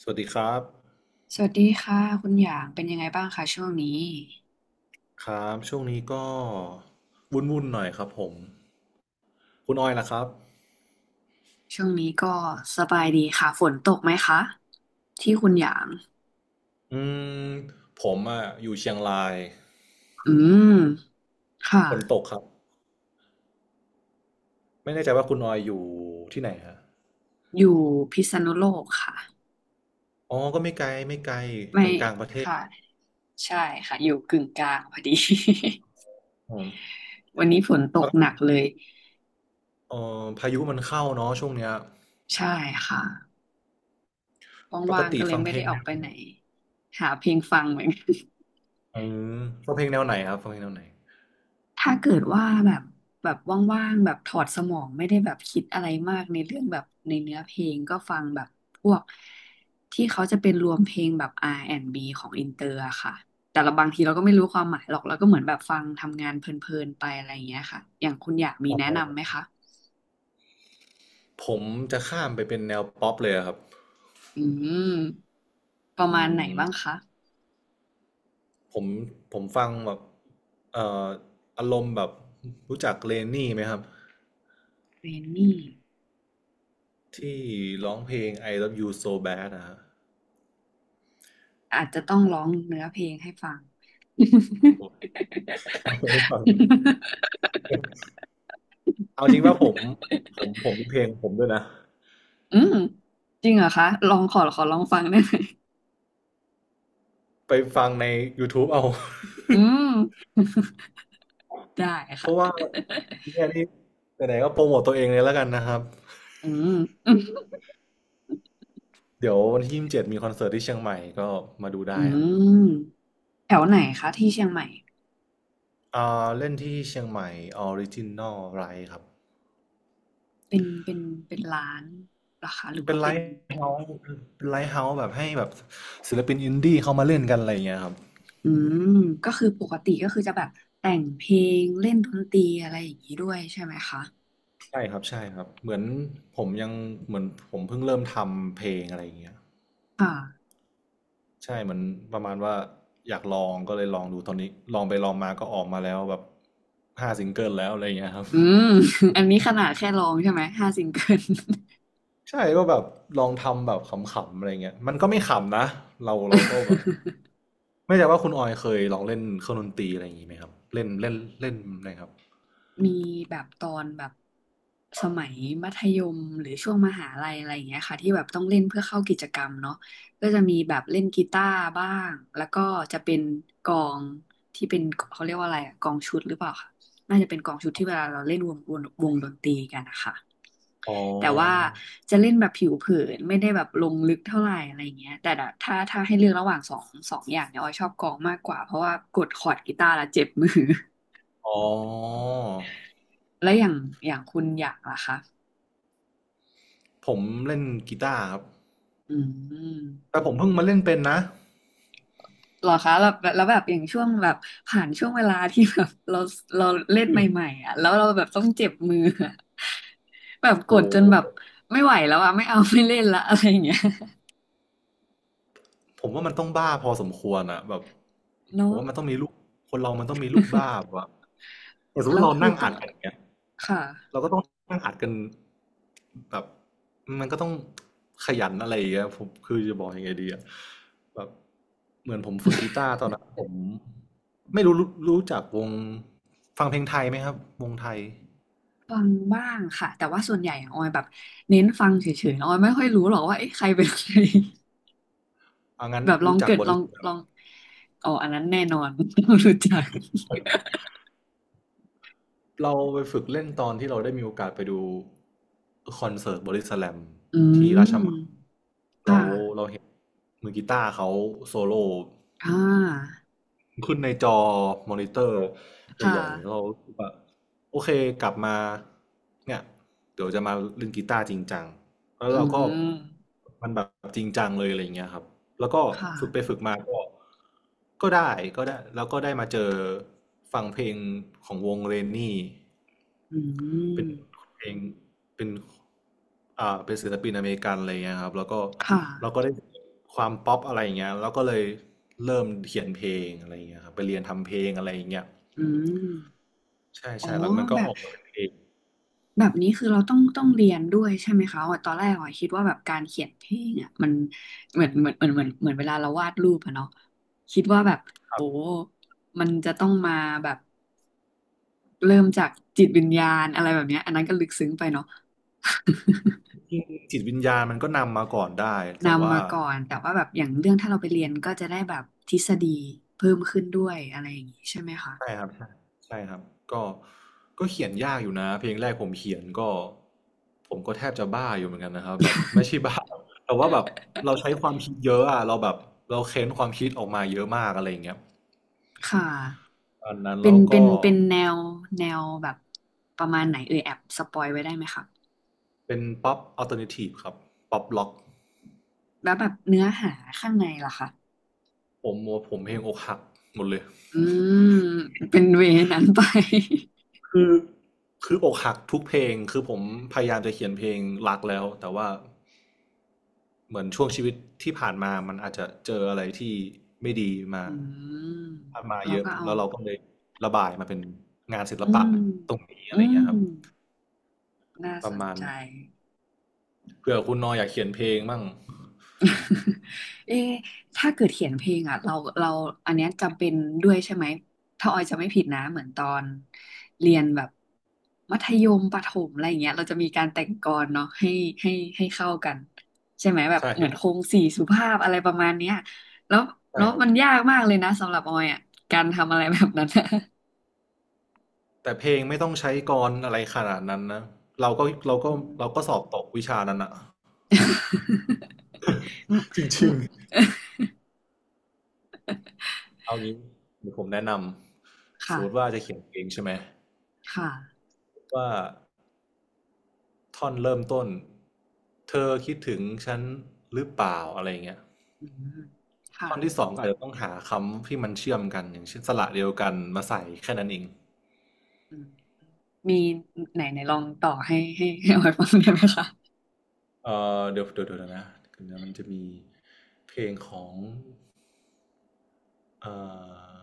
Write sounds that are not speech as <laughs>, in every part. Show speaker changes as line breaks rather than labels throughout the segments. สวัสดีครับ
สวัสดีค่ะคุณหยางเป็นยังไงบ้างคะช่วงนี้
ครับช่วงนี้ก็วุ่นๆหน่อยครับผมคุณออยล่ะครับ
ช่วงนี้ก็สบายดีค่ะฝนตกไหมคะที่คุณหยาง
อืม ผมอ่ะอยู่เชียงราย
อืมค่ะ
ฝนตกครับ ไม่แน่ใจว่าคุณออยอยู่ที่ไหนฮะ
อยู่พิษณุโลกค่ะ
อ๋อก็ไม่ไกลไม่ไกล
ไม่
กลางๆประเทศ
ค่ะใช่ค่ะอยู่กึ่งกลางพอดี
ผม
<laughs> วันนี้ฝนต
ป
กหนั
ก
กเลย
พายุมันเข้าเนาะช่วงเนี้ย
ใช่ค่ะ
ปก
ว่างๆ
ติ
ก็เลย
ฟัง
ไม่
เพล
ได้
ง
ออ
แน
ก
ว
ไปไหนหาเพลงฟังเหมือนกัน
เอฟังเพลงแนวไหนครับฟังเพลงแนวไหน
ถ้าเกิดว่าแบบแบบว่างๆแบบถอดสมองไม่ได้แบบคิดอะไรมากในเรื่องแบบในเนื้อเพลงก็ฟังแบบพวกที่เขาจะเป็นรวมเพลงแบบ R&B ของอินเตอร์อะค่ะแต่เราบางทีเราก็ไม่รู้ความหมายหรอกเราก็เหมือนแบบฟังทำงานเพลินๆไปอะไรอย่างเงี้ยค่ะอย่างคุณอยากมี
อ๋
แนะนำไหม
อ
คะ
ผมจะข้ามไปเป็นแนวป๊อปเลยอะครับ
อืมประ
อื
มาณไหน
ม
บ้างคะ
ผมผมฟังแบบเอ่ออารมณ์แบบรู้จักเลนนี่ไหมครับ
เรนนี่
ที่ร้องเพลง I Love You So Bad นะฮะ
อาจจะต้องร้องเนื้อเพลงให้ฟัง
ผมชอบเพลงฟังนี้เอาจริงว่าผม
<laughs>
ผมมีเพลงผมด้วยนะ
อืมจริงเหรอคะลองขอขอลองฟังได้ไหม
ไปฟังใน YouTube เอา <laughs>
อืม <laughs> ได้
เพ
ค่ะ
ราะว่าเนี่ยนี่ไหนๆก็โปรโมทตัวเองเลยแล้วกันนะครับ
<laughs> อืม
เดี๋ยววันที่27มีคอนเสิร์ตที่เชียงใหม่ก็มาดู
<laughs> อื
ได้ครับ
มแถวไหนคะที่เชียงใหม่
อ่าเล่นที่เชียงใหม่ออริจินอลไรครับ
เป็นเป็นเป็นร้านเหรอคะหรือ
เป็
ว่า
นไล
เป็น
ฟ์เฮาส์เป็นไลฟ์เฮาส์แบบให้แบบศิลปินอินดี้เขามาเล่นกันอะไรอย่างเงี้ยครับ
อืมก็คือปกติก็คือจะแบบแต่งเพลงเล่นดนตรีอะไรอย่างนี้ด้วยใช่ไหมคะ
ใช่ครับใช่ครับเหมือนผมยังเหมือนผมเพิ่งเริ่มทำเพลงอะไรอย่างเงี้ย
ค่ะ
ใช่เหมือนประมาณว่าอยากลองก็เลยลองดูตอนนี้ลองไปลองมาก็ออกมาแล้วแบบ5 ซิงเกิลแล้วอะไรอย่างเงี้ยครับ
อืม <laughs> อันนี้ขนาดแค่ร้องใช่ไหมห้าซิงเกิล
<laughs> ใช่ก็แบบลองทำแบบขำๆอะไรเงี้ยมันก็ไม่ขำนะเราก็แบบ
<laughs>
ไม่ใช่ว่าคุณออยเคยลองเล่นเครื่องดนตรีอะไรอย่างงี้ไหมครับเล่นเล่นเล่นอะไรครับ
มีแบบตอนแบบสมัยมัธยมหรือช่วงมหาลัยอะไรอย่างเงี้ยค่ะที่แบบต้องเล่นเพื่อเข้ากิจกรรมเนาะก็จะมีแบบเล่นกีตาร์บ้างแล้วก็จะเป็นกลองที่เป็นเขาเรียกว่าอะไรอะกลองชุดหรือเปล่าค่ะน่าจะเป็นกลองชุดที่เวลาเราเล่นวงดนตรีกันนะคะ
อ๋
แต่ว่า
อ
จะเล่นแบบผิวเผินไม่ได้แบบลงลึกเท่าไหร่อะไรอย่างเงี้ยแต่ถ้าให้เลือกระหว่างสองอย่างเนี่ยออยชอบกลองมากกว่าเพราะว่ากดคอร์ดกีตาร์แล้วเจ็บมือ
อ๋อ
<laughs> และอย่างอย่างคุณอยากล่ะคะ
ผมเล่นกีตาร์ครับ
อืม
แต่ผมเพิ่งมาเล่นเป็นนะ
เหรอคะแล้วแล้วแบบอย่างช่วงแบบผ่านช่วงเวลาที่แบบเราเล่นใหม่ๆอ่ะแล้วเราแบบต้องเจ็บมืออะ <laughs> แบบกด
โอ้โ
จนแบ
ห
บไม่ไหวแล้วอ่ะไม่เอาไม่เล่นละอะไรอย่างเงี้ย
ผมว่ามันต้องบ้าพอสมควรอะแบบ
<laughs>
ผ
เนาะ
มว่ามันต้องมีลูกคนเรามันต้องมีลูกบ้าแบ
<laughs>
บว่าอย่างสมม
แล้
ติ
ว
เรา
คือ
นั่ง
ต้อ
อั
ง
ดกันอย่างเงี้ย
ค่ะ
เราก็ต้องนั่งอัดกันแบบมันก็ต้องขยันอะไรอย่างเงี้ยผมคือจะบอกยังไงดีอะแบบเหมือนผมฝึกกีตาร์ตอนนั้นผมไม่รู้รู้จักวงฟังเพลงไทยไหมครับวงไทย
ฟังบ้างค่ะแต่ว่าส่วนใหญ่อะออยแบบเน้นฟังเฉยๆนะออยไม่ค่อยรู้หรอกว่าเอ๊ะใครเป็นใคร
เอางั้
<laughs>
น
แบบลอง
รู้จัก
เกิด
บอ
ล
ด
องลองอ๋ออันนั้นแน่นอน <laughs> รู้จัก
เราไปฝึกเล่นตอนที่เราได้มีโอกาสไปดูคอนเสิร์ตบอดี้สแลม
<laughs> อื
ที่ราช
ม
มังเรา
ค่ะ
เราเห็นมือกีตาร์เขาโซโล่
อ่า
ขึ้นในจอมอนิเตอร์
ค่ะ
ใหญ่ๆเรารู้สึกว่าโอเคกลับมาเนี่ยเดี๋ยวจะมาเล่นกีตาร์จริงจังแล้ว
อื
เราก็
ม
มันแบบจริงจังเลยอะไรอย่างเงี้ยครับแล้วก็
ค
ฝึกไป
่ะ
ฝึกมาก็ก็ได้ก็ได้แล้วก็ได้มาเจอฟังเพลงของวงเรนนี่
อื
เป็น
ม
เพลงเป็นเป็นศิลปินอเมริกันอะไรเงี้ยครับแล้วก็
ค่ะ
เราก็ได้ความป๊อปอะไรอย่างเงี้ยแล้วก็เลยเริ่มเขียนเพลงอะไรอย่างเงี้ยครับไปเรียนทำเพลงอะไรอย่างเงี้ย
อืม
ใช่
อ๋อ
ใช่แล้วมันก็
แบ
อ
บ
อกมาเป็นเพลง
แบบนี้คือเราต้องต้องเรียนด้วยใช่ไหมคะอ๋อตอนแรกอ๋อคิดว่าแบบการเขียนเพลงอ่ะมันเหมือนเหมือนเหมือนเหมือนเหมือนเวลาเราวาดรูปอะเนาะคิดว่าแบบ
ครั
โอ้
บ
มันจะต้องมาแบบเริ่มจากจิตวิญญาณอะไรแบบเนี้ยอันนั้นก็ลึกซึ้งไปเนาะ
จริงจิตวิญญาณมันก็นำมาก่อนได้
<laughs>
แต่
นำ
ว่า
มาก่อน แต่ว่าแบบอย่างเรื่องถ้าเราไปเรียนก็จะได้แบบทฤษฎีเพิ่มขึ้นด้วยอะไรอย่างนี้ใช่ไหมคะ
ใช่ครับใช่ครับก็ก็เขียนยากอยู่นะเพลงแรกผมเขียนก็ผมก็แทบจะบ้าอยู่เหมือนกันนะครับแบบไม่ใช่บ้า <laughs> แต่ว่าแบบเราใช้ความคิดเยอะอะเราแบบเราเค้นความคิดออกมาเยอะมากอะไรอย่างเงี้ย
ค่ะ
ตอนนั้น
เป็
แล้
น
ว
เป็
ก็
นเป็นแนวแนวแบบประมาณไหนเอ่ยแอบสปอยไว้ได้ไหมคะ
เป็นป๊อปอัลเทอร์เนทีฟครับป๊อปล็อก
แล้วแบบเนื้อหาข้างในล่ะคะ
ผมผมเพลงอกหักหมดเลย
อืม เป็นเวนั้นไป
คือ คืออกหักทุกเพลงคือผมพยายามจะเขียนเพลงรักแล้วแต่ว่าเหมือนช่วงชีวิตที่ผ่านมามันอาจจะเจออะไรที่ไม่ดี
<laughs>
มา
อืม
ผ่านมา
เรา
เยอะ
ก็เอา
แล้วเราก็เลยระบายมาเป็นงานศิล
อื
ปะ
ม
ตรงนี้
อื
อะไร
ม
เงี้ยครับ
น่า
ป
ส
ระ
น
มาณ
ใจ
นั้นเผื่อคุณนออยากเขียนเพลงมั่ง
<laughs> เอ๊ะถ้าเกิดเขียนเพลงอ่ะเราอันเนี้ยจำเป็นด้วยใช่ไหมถ้าออยจะไม่ผิดนะเหมือนตอนเรียนแบบมัธยมประถมอะไรอย่างเงี้ยเราจะมีการแต่งกลอนเนาะให้ให้เข้ากันใช่ไหมแบบ
ใช่
เหมือนโครงสี่สุภาพอะไรประมาณเนี้ยแล้ว
ใช่
แล้ว
ครับ
มันยากมากเลยนะสำหรับออยอ่ะการทำอะไรแบบนั้นอะ
แต่เพลงไม่ต้องใช้กลอนอะไรขนาดนั้นนะเราก็เรา
อื
ก็
ม
เราก็สอบตกวิชานั้นอะ
<laughs> อืม
จ
อื
ริ
ม
งๆเอางี้เดี๋ยวผมแนะนำส
ค่ะ
มมติว่าจะเขียนเพลงใช่ไหม
ค่ะ
ว่าท่อนเริ่มต้นเธอคิดถึงฉันหรือเปล่าอะไรเงี้ย
อืมค่ะ
ท่อนที่สองครับเต้องหาคำที่มันเชื่อมกันอย่างเช่นสระเดียวกันมาใส่แค่นั้นเอง
อืม มีไหนไหนลองต่อให้ออยฟังได้ไหมคะ
เอเดี๋ยวดยนะเดี๋ยวนะมันจะมีเพลงของ อ่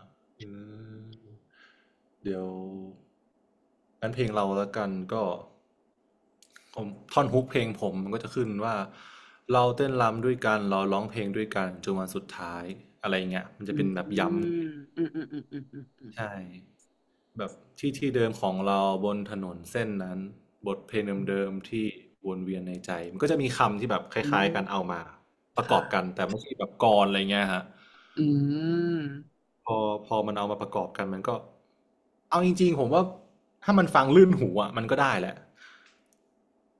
าอืมเดี๋ยวงั้นเพลงเราแล้วกันก็ผมท่อนฮุกเพลงผมมันก็จะขึ้นว่าเราเต้นรำด้วยกันเราร้องเพลงด้วยกันจนวันสุดท้ายอะไรเงี้ยมันจะ
อื
เป็นแบบย้ำ
มอืมอืมอืมอืมอืม
ใช่แบบที่ที่เดิมของเราบนถนนเส้นนั้นบทเพลง
อืมอื
เดิ
ม
มๆที่วนเวียนในใจมันก็จะมีคำที่แบบค
อื
ล้าย
ม
ๆกันเอามาประก
ค่ะ
อบกันแต่ไม่ใช่แบบกลอนอะไรเงี้ยฮะ
อืม
พอพอมันเอามาประกอบกันมันก็เอาจริงๆผมว่าถ้ามันฟังลื่นหูอ่ะมันก็ได้แหละ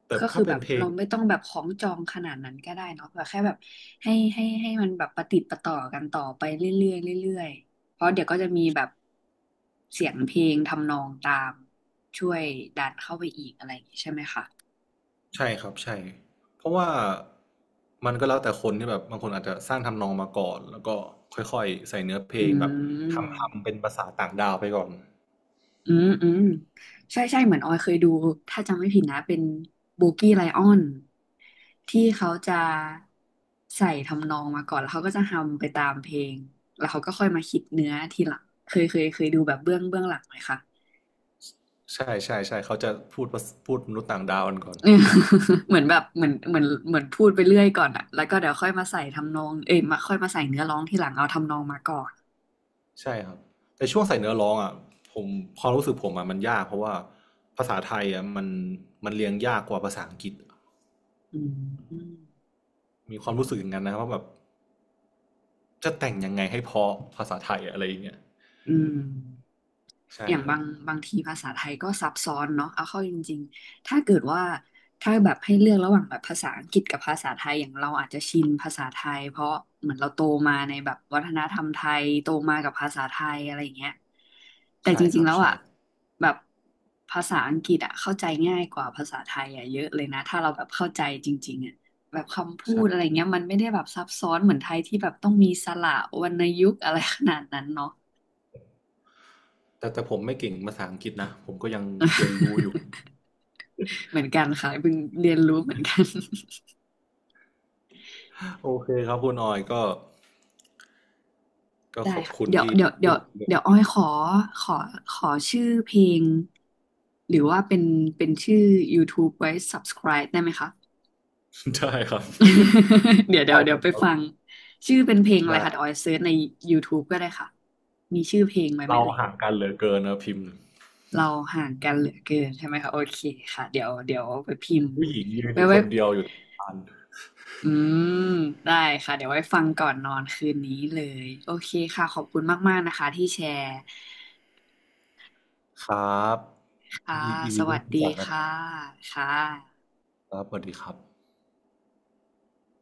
แต่
ก็คื
ถ้า
อ
เป็
แบ
น
บ
เพล
เรา
ง
ไม่ต้องแบบของจองขนาดนั้นก็ได้เนาะแบบแค่แบบให้มันแบบประติดประต่อกันต่อไปเรื่อยๆเรื่อยๆ เพราะเดี๋ยวก็จะมีแบบเสียงเพลงทำนองตามช่วยดันเข้าไปอีกอะไรอย่างงี้ใช่ไหมคะ
ใช่ครับใช่เพราะว่ามันก็แล้วแต่คนที่แบบบางคนอาจจะสร้างทำนองมาก่อนแล้วก็ค่อยๆใส่เนื้อเพล
อื
งแบบทำ
ม
เป็นภาษาต่างดาวไปก่อน
อืมใช่ใช่เหมือนออยเคยดูถ้าจำไม่ผิดนะเป็นโบกี้ไลออนที่เขาจะใส่ทำนองมาก่อนแล้วเขาก็จะฮัมไปตามเพลงแล้วเขาก็ค่อยมาคิดเนื้อทีหลังเคยดูแบบเบื้องเบื้องหลังไหมคะ
ใช่ใช่ใช่เขาจะพูดภาษพูดมนุษย์ต่างดาวกันก่อน
เออ <laughs> เหมือนแบบเหมือนพูดไปเรื่อยก่อนอะแล้วก็เดี๋ยวค่อยมาใส่ทำนองเอ้ยมาค่อยมาใส่เนื้อร้องทีหลังเอาทำนองมาก่อน
ใช่ครับแต่ช่วงใส่เนื้อร้องอ่ะผมความรู้สึกผมอ่ะมันยากเพราะว่าภาษาไทยอ่ะมันเรียงยากกว่าภาษาอังกฤษ
อืม
มีความรู้สึกอย่างนั้นนะว่าแบบ จะแต่งยังไงให้เพราะภาษาไทยอะไรอย่างเงี้ย
อืม
ใช่
อย่าง
ครับ
บางบางทีภาษาไทยก็ซับซ้อนเนาะเอาเข้าจริงๆถ้าเกิดว่าถ้าแบบให้เลือกระหว่างแบบภาษาอังกฤษกับภาษาไทยอย่างเราอาจจะชินภาษาไทยเพราะเหมือนเราโตมาในแบบวัฒนธรรมไทยโตมากับภาษาไทยอะไรอย่างเงี้ยแต่
ใช่
จ
ค
ริง
รั
ๆ
บ
แล้ว
ใช่
อ่ะแบบภาษาอังกฤษอ่ะเข้าใจง่ายกว่าภาษาไทยอ่ะเยอะเลยนะถ้าเราแบบเข้าใจจริงๆอ่ะแบบคำพูดอะไร
ใช่
เงี้ยมันไม่ได้แบบซับซ้อนเหมือนไทยที่แบบต้องมีสระวรรณยุกต์อะไรขนาดนั้นเนาะ
แต่ผมไม่เก่งภาษาอังกฤษนะผมก็ยังเรียนรู้อยู่
<laughs> เหมือนกันค่ะเพิ่งเรียนรู้เหมือนกัน
โอเคครับคุณออยก็
<laughs>
ก็
ได้
ขอบ
ค่ะ
คุณ
เดี๋ยว
ที่
เดี๋ยว
พู
เดี๋ยว
ดคุย
เดี๋ยวอ้
กั
อยขอขอชื่อเพลงหรือว่าเป็นเป็นชื่อ YouTube ไว้ subscribe ได้ไหมคะ
นได้ครับ
<laughs> เดี๋ยว
<laughs>
เดี๋ย
ได้
วเดี๋
เล
ยว
ย
ไป
ครั
ฟัง
บ
ชื่อเป็นเพลงอะไร
ได้
คะเดี๋ยวอ้อยเซิร์ชใน YouTube ก็ได้ค่ะมีชื่อเพลงไหมไม่
เรา
เอ่ย
ห่างกันเหลือเกินนะพิมพ์
เราห่างกันเหลือเกินใช่ไหมคะโอเคค่ะเดี๋ยวไปพิมพ์
ผู้หญิงยืน
ไว้
อยู่ค
ไว้
นเดียวอยู่ตรงกลาง
อืมได้ค่ะเดี๋ยวไว้ฟังก่อนนอนคืนนี้เลยโอเคค่ะขอบคุณมากๆนะคะที่แชร์
ครับ
ค่ะ
ยิน
ส
ดี
วั
ที่
ส
รู้
ดี
จักนะค
ค่ะ
รับ
ค่ะ
ครับสวัสดีครับ